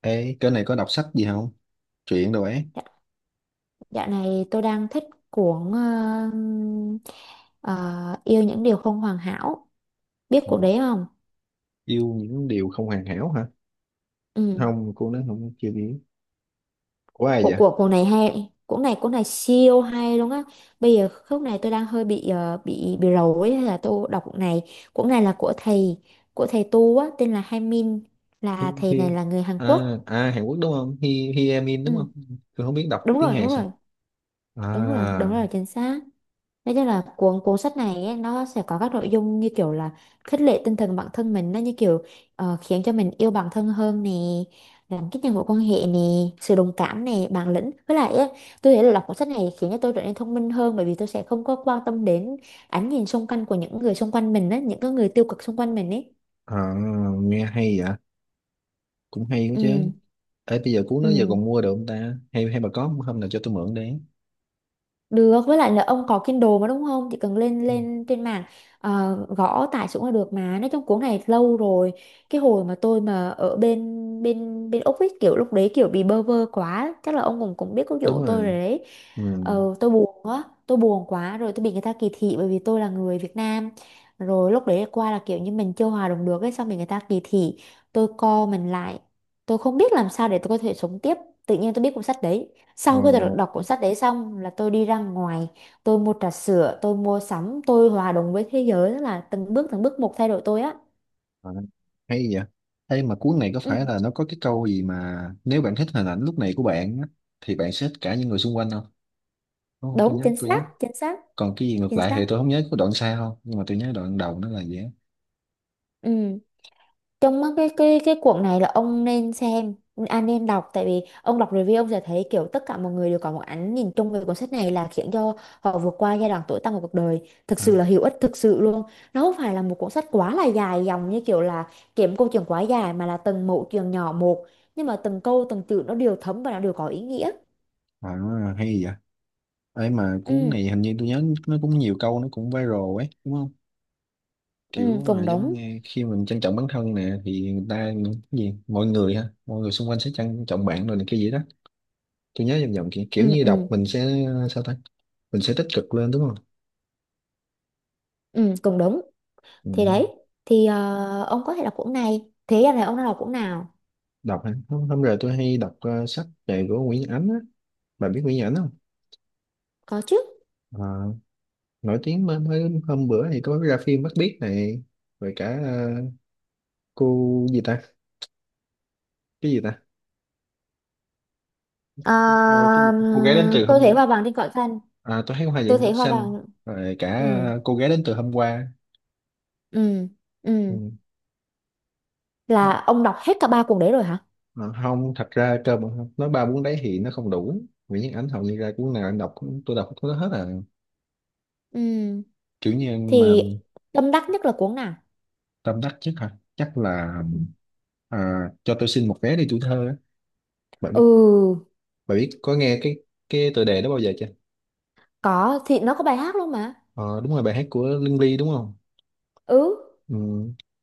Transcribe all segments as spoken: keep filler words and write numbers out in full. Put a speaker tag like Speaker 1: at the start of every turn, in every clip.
Speaker 1: Ê, cái này có đọc sách gì không? Truyện đồ ấy.
Speaker 2: Dạ- Dạo này tôi đang thích cuốn ờ, ờ, Yêu những điều không hoàn hảo. Biết
Speaker 1: Ờ,
Speaker 2: cuốn đấy không?
Speaker 1: yêu những điều không hoàn hảo hả?
Speaker 2: Ừ.
Speaker 1: Không, cô nói không chưa biết. Của ai
Speaker 2: Của
Speaker 1: vậy?
Speaker 2: của cuốn này hay, cuốn này cuốn này siêu hay luôn á. Bây giờ khúc này tôi đang hơi bị ờ, bị bị rầu ấy hay là tôi đọc cuốn này. Cuốn này là của thầy của thầy tu á tên là Hai Min,
Speaker 1: Hi,
Speaker 2: là thầy
Speaker 1: hi.
Speaker 2: này là người Hàn
Speaker 1: À,
Speaker 2: Quốc.
Speaker 1: à, Hàn Quốc đúng không? Hi, hi Em In đúng
Speaker 2: Ừ.
Speaker 1: không? Tôi không biết đọc
Speaker 2: Đúng
Speaker 1: tiếng
Speaker 2: rồi,
Speaker 1: Hàn
Speaker 2: đúng
Speaker 1: sao.
Speaker 2: rồi. Đúng rồi, đúng
Speaker 1: À,
Speaker 2: rồi, chính xác. Nói chung là cuốn cuốn sách này ấy, nó sẽ có các nội dung như kiểu là khích lệ tinh thần bản thân mình, nó như kiểu ờ, khiến cho mình yêu bản thân hơn nè, làm kích nhân mối quan hệ nè, sự đồng cảm nè, bản lĩnh với lại ấy, tôi thấy là đọc cuốn sách này khiến cho tôi trở nên thông minh hơn, bởi vì tôi sẽ không có quan tâm đến ánh nhìn xung quanh của những người xung quanh mình á, những cái người tiêu cực xung quanh mình ấy.
Speaker 1: à, nghe hay vậy. Cũng hay đó chứ.
Speaker 2: Ừ
Speaker 1: Ê, bây giờ cuốn đó giờ
Speaker 2: ừ.
Speaker 1: còn mua được không ta? Hay hay bà có không? Hôm nào cho tôi mượn đấy.
Speaker 2: Được, với lại là ông có Kindle mà đúng không? Chỉ cần lên lên trên mạng, ờ, gõ tải xuống là được mà. Nói chung cuốn này lâu rồi. Cái hồi mà tôi mà ở bên bên bên Úc ấy, kiểu lúc đấy kiểu bị bơ vơ quá, chắc là ông cũng cũng biết câu chuyện
Speaker 1: Đúng
Speaker 2: của tôi rồi
Speaker 1: rồi.
Speaker 2: đấy.
Speaker 1: Ừ.
Speaker 2: Ờ, tôi buồn quá, tôi buồn quá rồi tôi bị người ta kỳ thị bởi vì tôi là người Việt Nam. Rồi lúc đấy qua là kiểu như mình chưa hòa đồng được ấy, xong bị người ta kỳ thị. Tôi co mình lại. Tôi không biết làm sao để tôi có thể sống tiếp. Tự nhiên tôi biết cuốn sách đấy.
Speaker 1: Ờ.
Speaker 2: Sau khi đọc, đọc cuốn sách đấy xong là tôi đi ra ngoài, tôi mua trà sữa, tôi mua sắm, tôi hòa đồng với thế giới, tức là từng bước từng bước một thay đổi tôi á.
Speaker 1: À, hay vậy. Ê mà cuốn này có
Speaker 2: Ừ,
Speaker 1: phải là nó có cái câu gì mà nếu bạn thích hình ảnh lúc này của bạn á, thì bạn sẽ thích cả những người xung quanh không, đúng không? tôi
Speaker 2: đúng,
Speaker 1: nhớ
Speaker 2: chính
Speaker 1: tôi
Speaker 2: xác,
Speaker 1: nhớ
Speaker 2: chính xác,
Speaker 1: Còn cái gì ngược
Speaker 2: chính
Speaker 1: lại thì
Speaker 2: xác.
Speaker 1: tôi không nhớ, có đoạn sau không, nhưng mà tôi nhớ đoạn đầu nó là gì á.
Speaker 2: Ừ. Trong mắt cái cái cái cuộn này là ông nên xem, anh nên đọc, tại vì ông đọc review ông sẽ thấy kiểu tất cả mọi người đều có một ánh nhìn chung về cuốn sách này là khiến cho họ vượt qua giai đoạn tối tăm của cuộc đời, thực
Speaker 1: À,
Speaker 2: sự là hữu ích, thực sự luôn. Nó không phải là một cuốn sách quá là dài dòng như kiểu là kiếm câu chuyện quá dài, mà là từng mẩu chuyện nhỏ một, nhưng mà từng câu từng chữ nó đều thấm và nó đều có ý nghĩa.
Speaker 1: à, hay vậy. Ê mà cuốn
Speaker 2: Ừ,
Speaker 1: này hình như tôi nhớ nó cũng nhiều câu nó cũng viral ấy đúng không?
Speaker 2: ừ
Speaker 1: Kiểu à,
Speaker 2: cùng
Speaker 1: giống
Speaker 2: đúng.
Speaker 1: như khi mình trân trọng bản thân nè thì người ta, cái gì, mọi người ha, mọi người xung quanh sẽ trân trọng bạn rồi này, cái gì đó. Tôi nhớ vòng vòng kiểu, kiểu
Speaker 2: Ừ
Speaker 1: như đọc
Speaker 2: ừ
Speaker 1: mình sẽ, à, sao ta, mình sẽ tích cực lên đúng không?
Speaker 2: ừ, cùng đúng.
Speaker 1: Ừ.
Speaker 2: Thì đấy, thì ờ, ông có thể đọc cuốn này. Thế giờ này ông đã đọc cuốn nào?
Speaker 1: Đọc hả? Không, hôm rồi tôi hay đọc ờ, sách về của Nguyễn Nhật Ánh á. Bà biết Nguyễn Nhật Ánh không?
Speaker 2: Có chứ.
Speaker 1: Ờ, nổi tiếng. Mới, mới hôm bữa thì có ra phim Mắt Biếc này, rồi cả ờ, cô gì ta, cái gì ta?
Speaker 2: Ờ,
Speaker 1: Ờ, cái gì? Cô gái đến từ
Speaker 2: tôi thấy
Speaker 1: hôm...
Speaker 2: hoa vàng trên cỏ xanh,
Speaker 1: À, tôi thấy hoa
Speaker 2: tôi
Speaker 1: diện cỏ
Speaker 2: thấy hoa
Speaker 1: xanh,
Speaker 2: vàng.
Speaker 1: rồi cả
Speaker 2: Ừ.
Speaker 1: cô gái đến từ hôm qua.
Speaker 2: ừ ừ
Speaker 1: Ừ.
Speaker 2: là ông đọc hết cả ba cuốn đấy rồi hả?
Speaker 1: Ờ, không, thật ra cơ mà không nói ba cuốn đấy thì nó không đủ. Nguyễn Nhật Ánh hầu như ra cuốn nào anh đọc cũng- tôi đọc cũng có hết à,
Speaker 2: Ừ
Speaker 1: kiểu như mà.
Speaker 2: thì tâm đắc nhất là cuốn nào?
Speaker 1: Tâm đắc nhất hả? Chắc là à, cho tôi xin một vé đi tuổi thơ. bạn biết
Speaker 2: Ừ,
Speaker 1: bạn biết có nghe cái cái tựa đề đó bao giờ chưa?
Speaker 2: có thì nó có bài hát luôn mà.
Speaker 1: Ờ, đúng rồi, bài hát của Lương Ly đúng không?
Speaker 2: Ừ
Speaker 1: Ừ.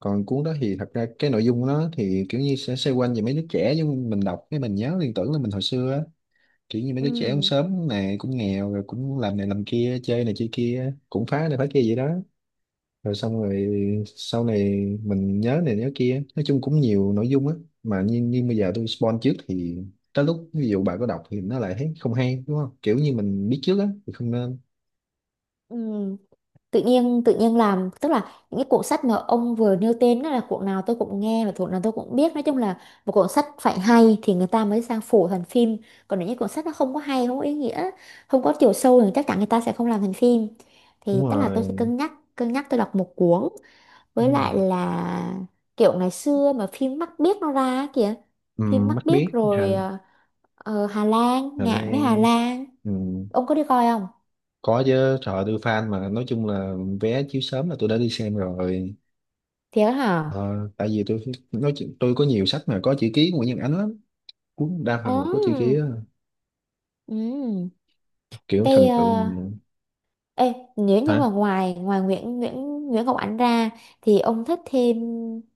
Speaker 1: Còn cuốn đó thì thật ra cái nội dung nó thì kiểu như sẽ xoay quanh về mấy đứa trẻ, nhưng mình đọc cái mình nhớ liên tưởng là mình hồi xưa á, kiểu như mấy đứa trẻ cũng
Speaker 2: ừ
Speaker 1: sớm này, cũng nghèo rồi cũng làm này làm kia, chơi này chơi kia, cũng phá này phá kia vậy đó. Rồi xong rồi sau này mình nhớ này nhớ kia, nói chung cũng nhiều nội dung á. Mà như, như bây giờ tôi spoil trước thì tới lúc ví dụ bà có đọc thì nó lại thấy không hay đúng không? Kiểu như mình biết trước á thì không nên.
Speaker 2: ừ. Tự nhiên tự nhiên làm, tức là những cái cuộn sách mà ông vừa nêu tên đó là cuộn nào tôi cũng nghe và cuộn nào tôi cũng biết. Nói chung là một cuộn sách phải hay thì người ta mới sang phổ thành phim, còn nếu như cuộn sách nó không có hay, không có ý nghĩa, không có chiều sâu thì chắc chắn người ta sẽ không làm thành phim.
Speaker 1: Đúng
Speaker 2: Thì tức là tôi sẽ
Speaker 1: rồi,
Speaker 2: cân nhắc cân nhắc tôi đọc một cuốn. Với
Speaker 1: đúng rồi.
Speaker 2: lại là kiểu ngày xưa mà phim Mắt Biếc nó ra á kìa,
Speaker 1: Ừ,
Speaker 2: phim
Speaker 1: mắt
Speaker 2: Mắt Biếc,
Speaker 1: biết. Hà,
Speaker 2: rồi ờ, ờ, Hà Lan
Speaker 1: Hà
Speaker 2: Ngạn với Hà
Speaker 1: Lan.
Speaker 2: Lan.
Speaker 1: Ừ,
Speaker 2: Ông có đi coi không?
Speaker 1: có chứ, trời ơi, tôi fan mà, nói chung là vé chiếu sớm là tôi đã đi xem rồi.
Speaker 2: Thiệt hả?
Speaker 1: Ờ, tại vì tôi nói chuyện- tôi có nhiều sách mà có chữ ký của Nguyễn Nhân Ánh lắm, cuốn đa phần là có chữ ký
Speaker 2: Ừ
Speaker 1: á.
Speaker 2: ừ
Speaker 1: Kiểu
Speaker 2: Cái
Speaker 1: thần
Speaker 2: ờ,
Speaker 1: tượng.
Speaker 2: ê, nếu như mà
Speaker 1: Hả?
Speaker 2: ngoài ngoài Nguyễn Nguyễn Nguyễn Ngọc Ánh ra thì ông thích thêm,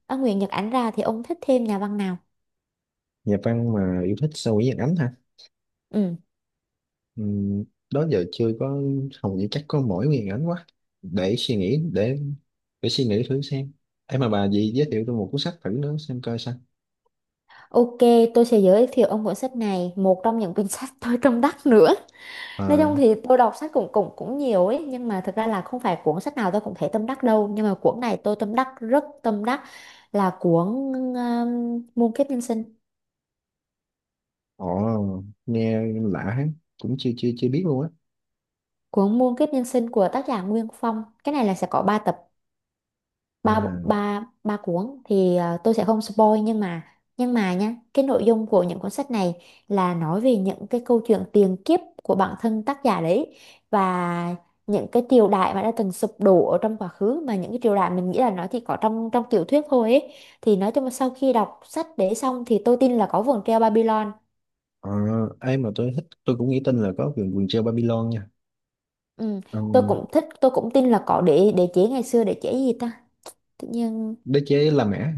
Speaker 2: à, Nguyễn Nhật Ánh ra thì ông thích thêm nhà văn nào?
Speaker 1: Nhà văn mà yêu thích sao? Nguyễn Nhân Ánh hả?
Speaker 2: Ừ.
Speaker 1: Ừ, đó giờ chưa có, hầu như chắc có mỗi Nguyễn Nhân Ánh quá. Để suy nghĩ để để suy nghĩ thử xem. Em mà bà gì giới thiệu tôi một cuốn sách thử nữa xem coi sao.
Speaker 2: Ok, tôi sẽ giới thiệu ông cuốn sách này, một trong những cuốn sách tôi tâm đắc nữa.
Speaker 1: Ờ.
Speaker 2: Nói chung thì tôi đọc sách cũng cũng cũng nhiều ấy, nhưng mà thực ra là không phải cuốn sách nào tôi cũng thấy tâm đắc đâu, nhưng mà cuốn này tôi tâm đắc, rất tâm đắc, là cuốn um, Muôn kiếp nhân sinh,
Speaker 1: Ồ, nghe lạ hết, cũng chưa chưa chưa biết luôn á.
Speaker 2: cuốn Muôn kiếp nhân sinh của tác giả Nguyên Phong. Cái này là sẽ có ba tập, ba bộ-
Speaker 1: À,
Speaker 2: ba ba cuốn thì à, tôi sẽ không spoil, nhưng mà nhưng mà nhá, cái nội dung của những cuốn sách này là nói về những cái câu chuyện tiền kiếp của bản thân tác giả đấy, và những cái triều đại mà đã từng sụp đổ ở trong quá khứ, mà những cái triều đại mình nghĩ là nó chỉ có trong trong tiểu thuyết thôi ấy. Thì nói chung là sau khi đọc sách để xong thì tôi tin là có vườn treo Babylon.
Speaker 1: ờ, ai mà tôi thích, tôi cũng nghĩ tin là có vườn vườn treo Babylon nha.
Speaker 2: Ừ.
Speaker 1: Ờ,
Speaker 2: Tôi cũng thích, tôi cũng tin là có đế đế chế ngày xưa, đế chế gì ta, tự nhiên
Speaker 1: đế chế La Mã.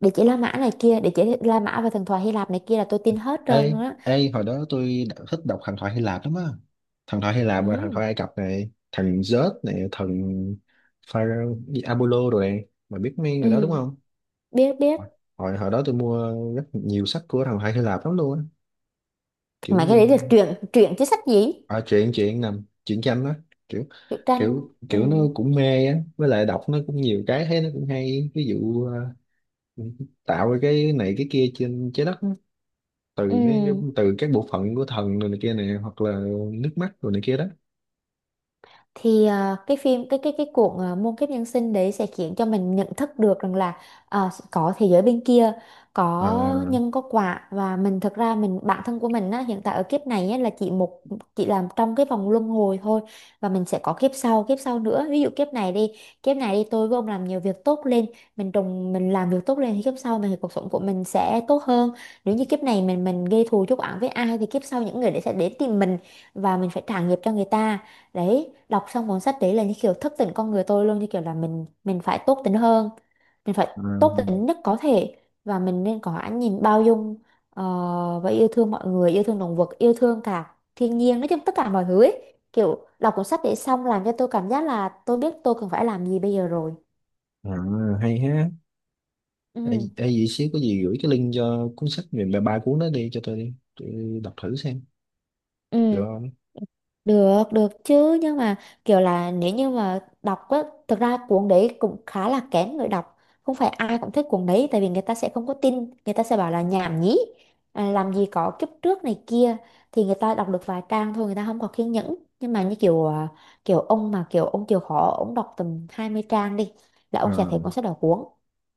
Speaker 2: đế chế La Mã này kia, đế chế La Mã và thần thoại Hy Lạp này kia là tôi tin hết trơn
Speaker 1: Ê,
Speaker 2: nữa.
Speaker 1: ê, hồi đó tôi đã thích đọc thần thoại Hy Lạp lắm á. Thần thoại Hy Lạp và thần
Speaker 2: Ừ.
Speaker 1: thoại Ai Cập này, thần Zeus này, thần Pharaoh, gì, Apollo rồi này. Mà biết mấy người đó đúng
Speaker 2: Ừ.
Speaker 1: không?
Speaker 2: Biết, biết.
Speaker 1: Hồi hồi đó tôi mua rất nhiều sách của thần thoại Hy Lạp lắm luôn á. Kiểu
Speaker 2: Mà
Speaker 1: như
Speaker 2: cái đấy là truyện truyện chứ sách gì?
Speaker 1: à, chuyện chuyện nằm chuyện tranh đó, kiểu
Speaker 2: Truyện tranh.
Speaker 1: kiểu
Speaker 2: Ừ.
Speaker 1: kiểu nó cũng mê á, với lại đọc nó cũng nhiều cái thấy nó cũng hay, ví dụ ờ, tạo ra cái này cái kia trên trái đất á, từ mấy cái-
Speaker 2: Ừ.
Speaker 1: từ các bộ phận của thần rồi này kia này, hoặc là nước mắt rồi này kia đó.
Speaker 2: thì ờ, cái phim cái cái cái cuộn ờ, muôn kiếp nhân sinh đấy sẽ khiến cho mình nhận thức được rằng là ờ, có thế giới bên kia,
Speaker 1: à,
Speaker 2: có nhân có quả, và mình, thực ra mình, bản thân của mình á, hiện tại ở kiếp này á, là chỉ một, chỉ làm trong cái vòng luân hồi thôi, và mình sẽ có kiếp sau, kiếp sau nữa. Ví dụ kiếp này đi, kiếp này đi tôi với ông làm nhiều việc tốt lên, mình trồng mình làm việc tốt lên thì kiếp sau mình, thì cuộc sống của mình sẽ tốt hơn. Nếu như kiếp này mình mình gây thù chuốc oán với ai thì kiếp sau những người đấy sẽ đến tìm mình và mình phải trả nghiệp cho người ta. Đấy, đọc xong cuốn sách đấy là như kiểu thức tỉnh con người tôi luôn, như kiểu là mình mình phải tốt tính hơn, mình phải
Speaker 1: à,
Speaker 2: tốt tính nhất có thể, và mình nên có ánh nhìn bao dung, ờ, và yêu thương mọi người, yêu thương động vật, yêu thương cả thiên nhiên, nói chung tất cả mọi thứ ấy. Kiểu đọc cuốn sách đấy xong làm cho tôi cảm giác là tôi biết tôi cần phải làm gì bây giờ rồi.
Speaker 1: à, hay ha,
Speaker 2: Ừ.
Speaker 1: hay, hay gì xíu, có gì gửi cái link cho cuốn sách về ba ba cuốn đó đi cho tôi, đi tôi đọc thử xem được
Speaker 2: Ừ.
Speaker 1: không?
Speaker 2: Được, được chứ, nhưng mà kiểu là nếu như mà đọc á, thực ra cuốn đấy cũng khá là kén người đọc, không phải ai cũng thích cuốn đấy, tại vì người ta sẽ không có tin, người ta sẽ bảo là nhảm nhí, à, làm gì có kiếp trước này kia, thì người ta đọc được vài trang thôi, người ta không có kiên nhẫn, nhưng mà như kiểu à, kiểu ông mà kiểu ông chịu khó ông đọc tầm hai mươi trang đi là ông sẽ thấy
Speaker 1: À,
Speaker 2: cuốn sách đó cuốn.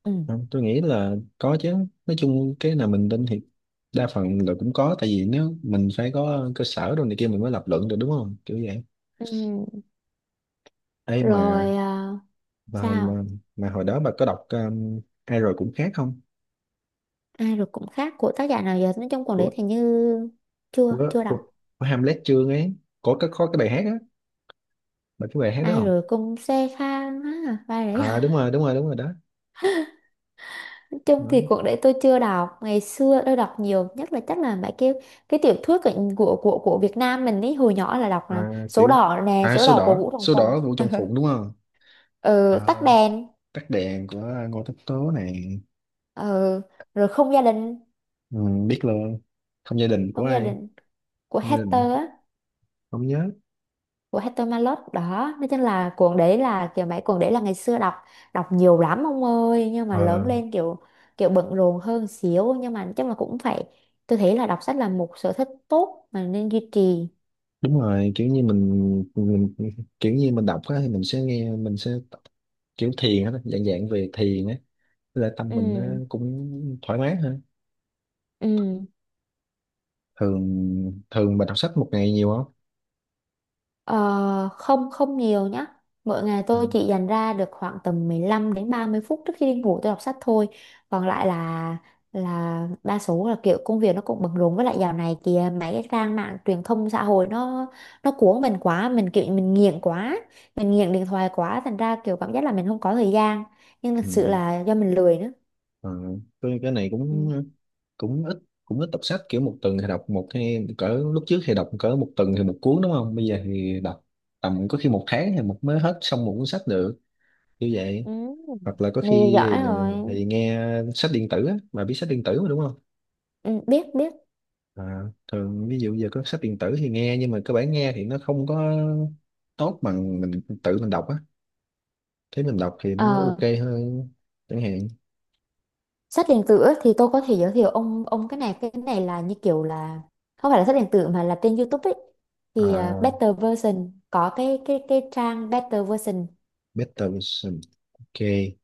Speaker 2: Ừ.
Speaker 1: không, tôi nghĩ là có chứ. Nói chung cái nào mình tin thì đa phần là cũng có, tại vì nếu mình phải có cơ sở đồ này kia mình mới lập luận được đúng không, kiểu vậy
Speaker 2: Ừ.
Speaker 1: ấy mà
Speaker 2: Rồi à,
Speaker 1: mà mà,
Speaker 2: sao
Speaker 1: mà hồi đó bà có đọc um, ai rồi cũng khác không?
Speaker 2: ai rồi cũng khác của tác giả nào giờ, nói chung cuốn đấy
Speaker 1: Của,
Speaker 2: thì như chưa
Speaker 1: của
Speaker 2: chưa đọc.
Speaker 1: của, của Hamlet Chương ấy, có cái có cái bài hát á, bà cái bài hát đó
Speaker 2: Ai
Speaker 1: không?
Speaker 2: rồi cũng xe khang á ba đấy
Speaker 1: À, đúng rồi, đúng rồi, đúng rồi đó.
Speaker 2: nói chung thì
Speaker 1: Đúng.
Speaker 2: cuộc đấy tôi chưa đọc, ngày xưa tôi đọc nhiều nhất là chắc là mấy cái cái tiểu thuyết của của của, của Việt Nam mình ấy, hồi nhỏ là đọc là
Speaker 1: À
Speaker 2: số
Speaker 1: tiểu.
Speaker 2: đỏ nè,
Speaker 1: À,
Speaker 2: số
Speaker 1: số
Speaker 2: đỏ của
Speaker 1: đỏ,
Speaker 2: Vũ Đồng
Speaker 1: số
Speaker 2: Phùng.
Speaker 1: đỏ Vũ Trọng Phụng đúng không?
Speaker 2: Ừ,
Speaker 1: À,
Speaker 2: tắt đèn.
Speaker 1: tắt đèn của Ngô Tất Tố này.
Speaker 2: Ừ, rồi không gia đình,
Speaker 1: Ừ, biết luôn. Không gia đình của
Speaker 2: không gia
Speaker 1: ai?
Speaker 2: đình của
Speaker 1: như
Speaker 2: Hector á,
Speaker 1: Không nhớ.
Speaker 2: của Hector Malot đó. Nói chung là cuốn đấy là kiểu mấy cuốn đấy là ngày xưa đọc, đọc nhiều lắm ông ơi, nhưng mà
Speaker 1: Ờ,
Speaker 2: lớn lên kiểu, kiểu bận rộn hơn xíu, nhưng mà chắc là cũng phải, tôi thấy là đọc sách là một sở thích tốt mà nên duy trì.
Speaker 1: đúng rồi, kiểu như mình mình, kiểu như mình đọc á thì mình sẽ nghe, mình sẽ tập- kiểu thiền á, dạng dạng về thiền á là tâm mình nó
Speaker 2: Ừ.
Speaker 1: cũng thoải mái hơn.
Speaker 2: ừ
Speaker 1: Thường thường bà đọc sách một ngày nhiều không?
Speaker 2: Ờ, không không nhiều nhá. Mỗi ngày
Speaker 1: Ừ.
Speaker 2: tôi chỉ dành ra được khoảng tầm mười lăm đến ba mươi phút trước khi đi ngủ tôi đọc sách thôi. Còn lại là là đa số là kiểu công việc nó cũng bận rộn, với lại dạo này kìa mấy cái trang mạng truyền thông xã hội nó nó cuốn mình quá, mình kiểu mình nghiện quá, mình nghiện điện thoại quá thành ra kiểu cảm giác là mình không có thời gian. Nhưng thực sự
Speaker 1: Ừ.
Speaker 2: là do mình lười nữa.
Speaker 1: Ờ, cái cái này cũng
Speaker 2: Ừ.
Speaker 1: cũng ít cũng ít đọc sách kiểu một tuần thì đọc một, hay cỡ lúc trước thì đọc cỡ một tuần thì một cuốn đúng không? Bây giờ thì đọc tầm có khi một tháng thì một mới hết xong một cuốn sách được, như vậy.
Speaker 2: Ừ.
Speaker 1: Hoặc là có
Speaker 2: Này
Speaker 1: khi
Speaker 2: giỏi rồi.
Speaker 1: thì nghe sách điện tử á, bà biết sách điện tử mà đúng không?
Speaker 2: Ừ, biết biết.
Speaker 1: À, thường ví dụ giờ có sách điện tử thì nghe, nhưng mà cơ bản nghe thì nó không có tốt bằng mình tự mình đọc á, thế mình đọc thì nó
Speaker 2: Ờ,
Speaker 1: OK hơn chẳng hạn.
Speaker 2: sách điện tử á, thì tôi có thể giới thiệu ông, ông cái này, cái này là như kiểu là không phải là sách điện tử mà là trên YouTube ấy, thì à,
Speaker 1: À,
Speaker 2: Better Version, có cái cái cái trang Better Version.
Speaker 1: Better Vision. OK.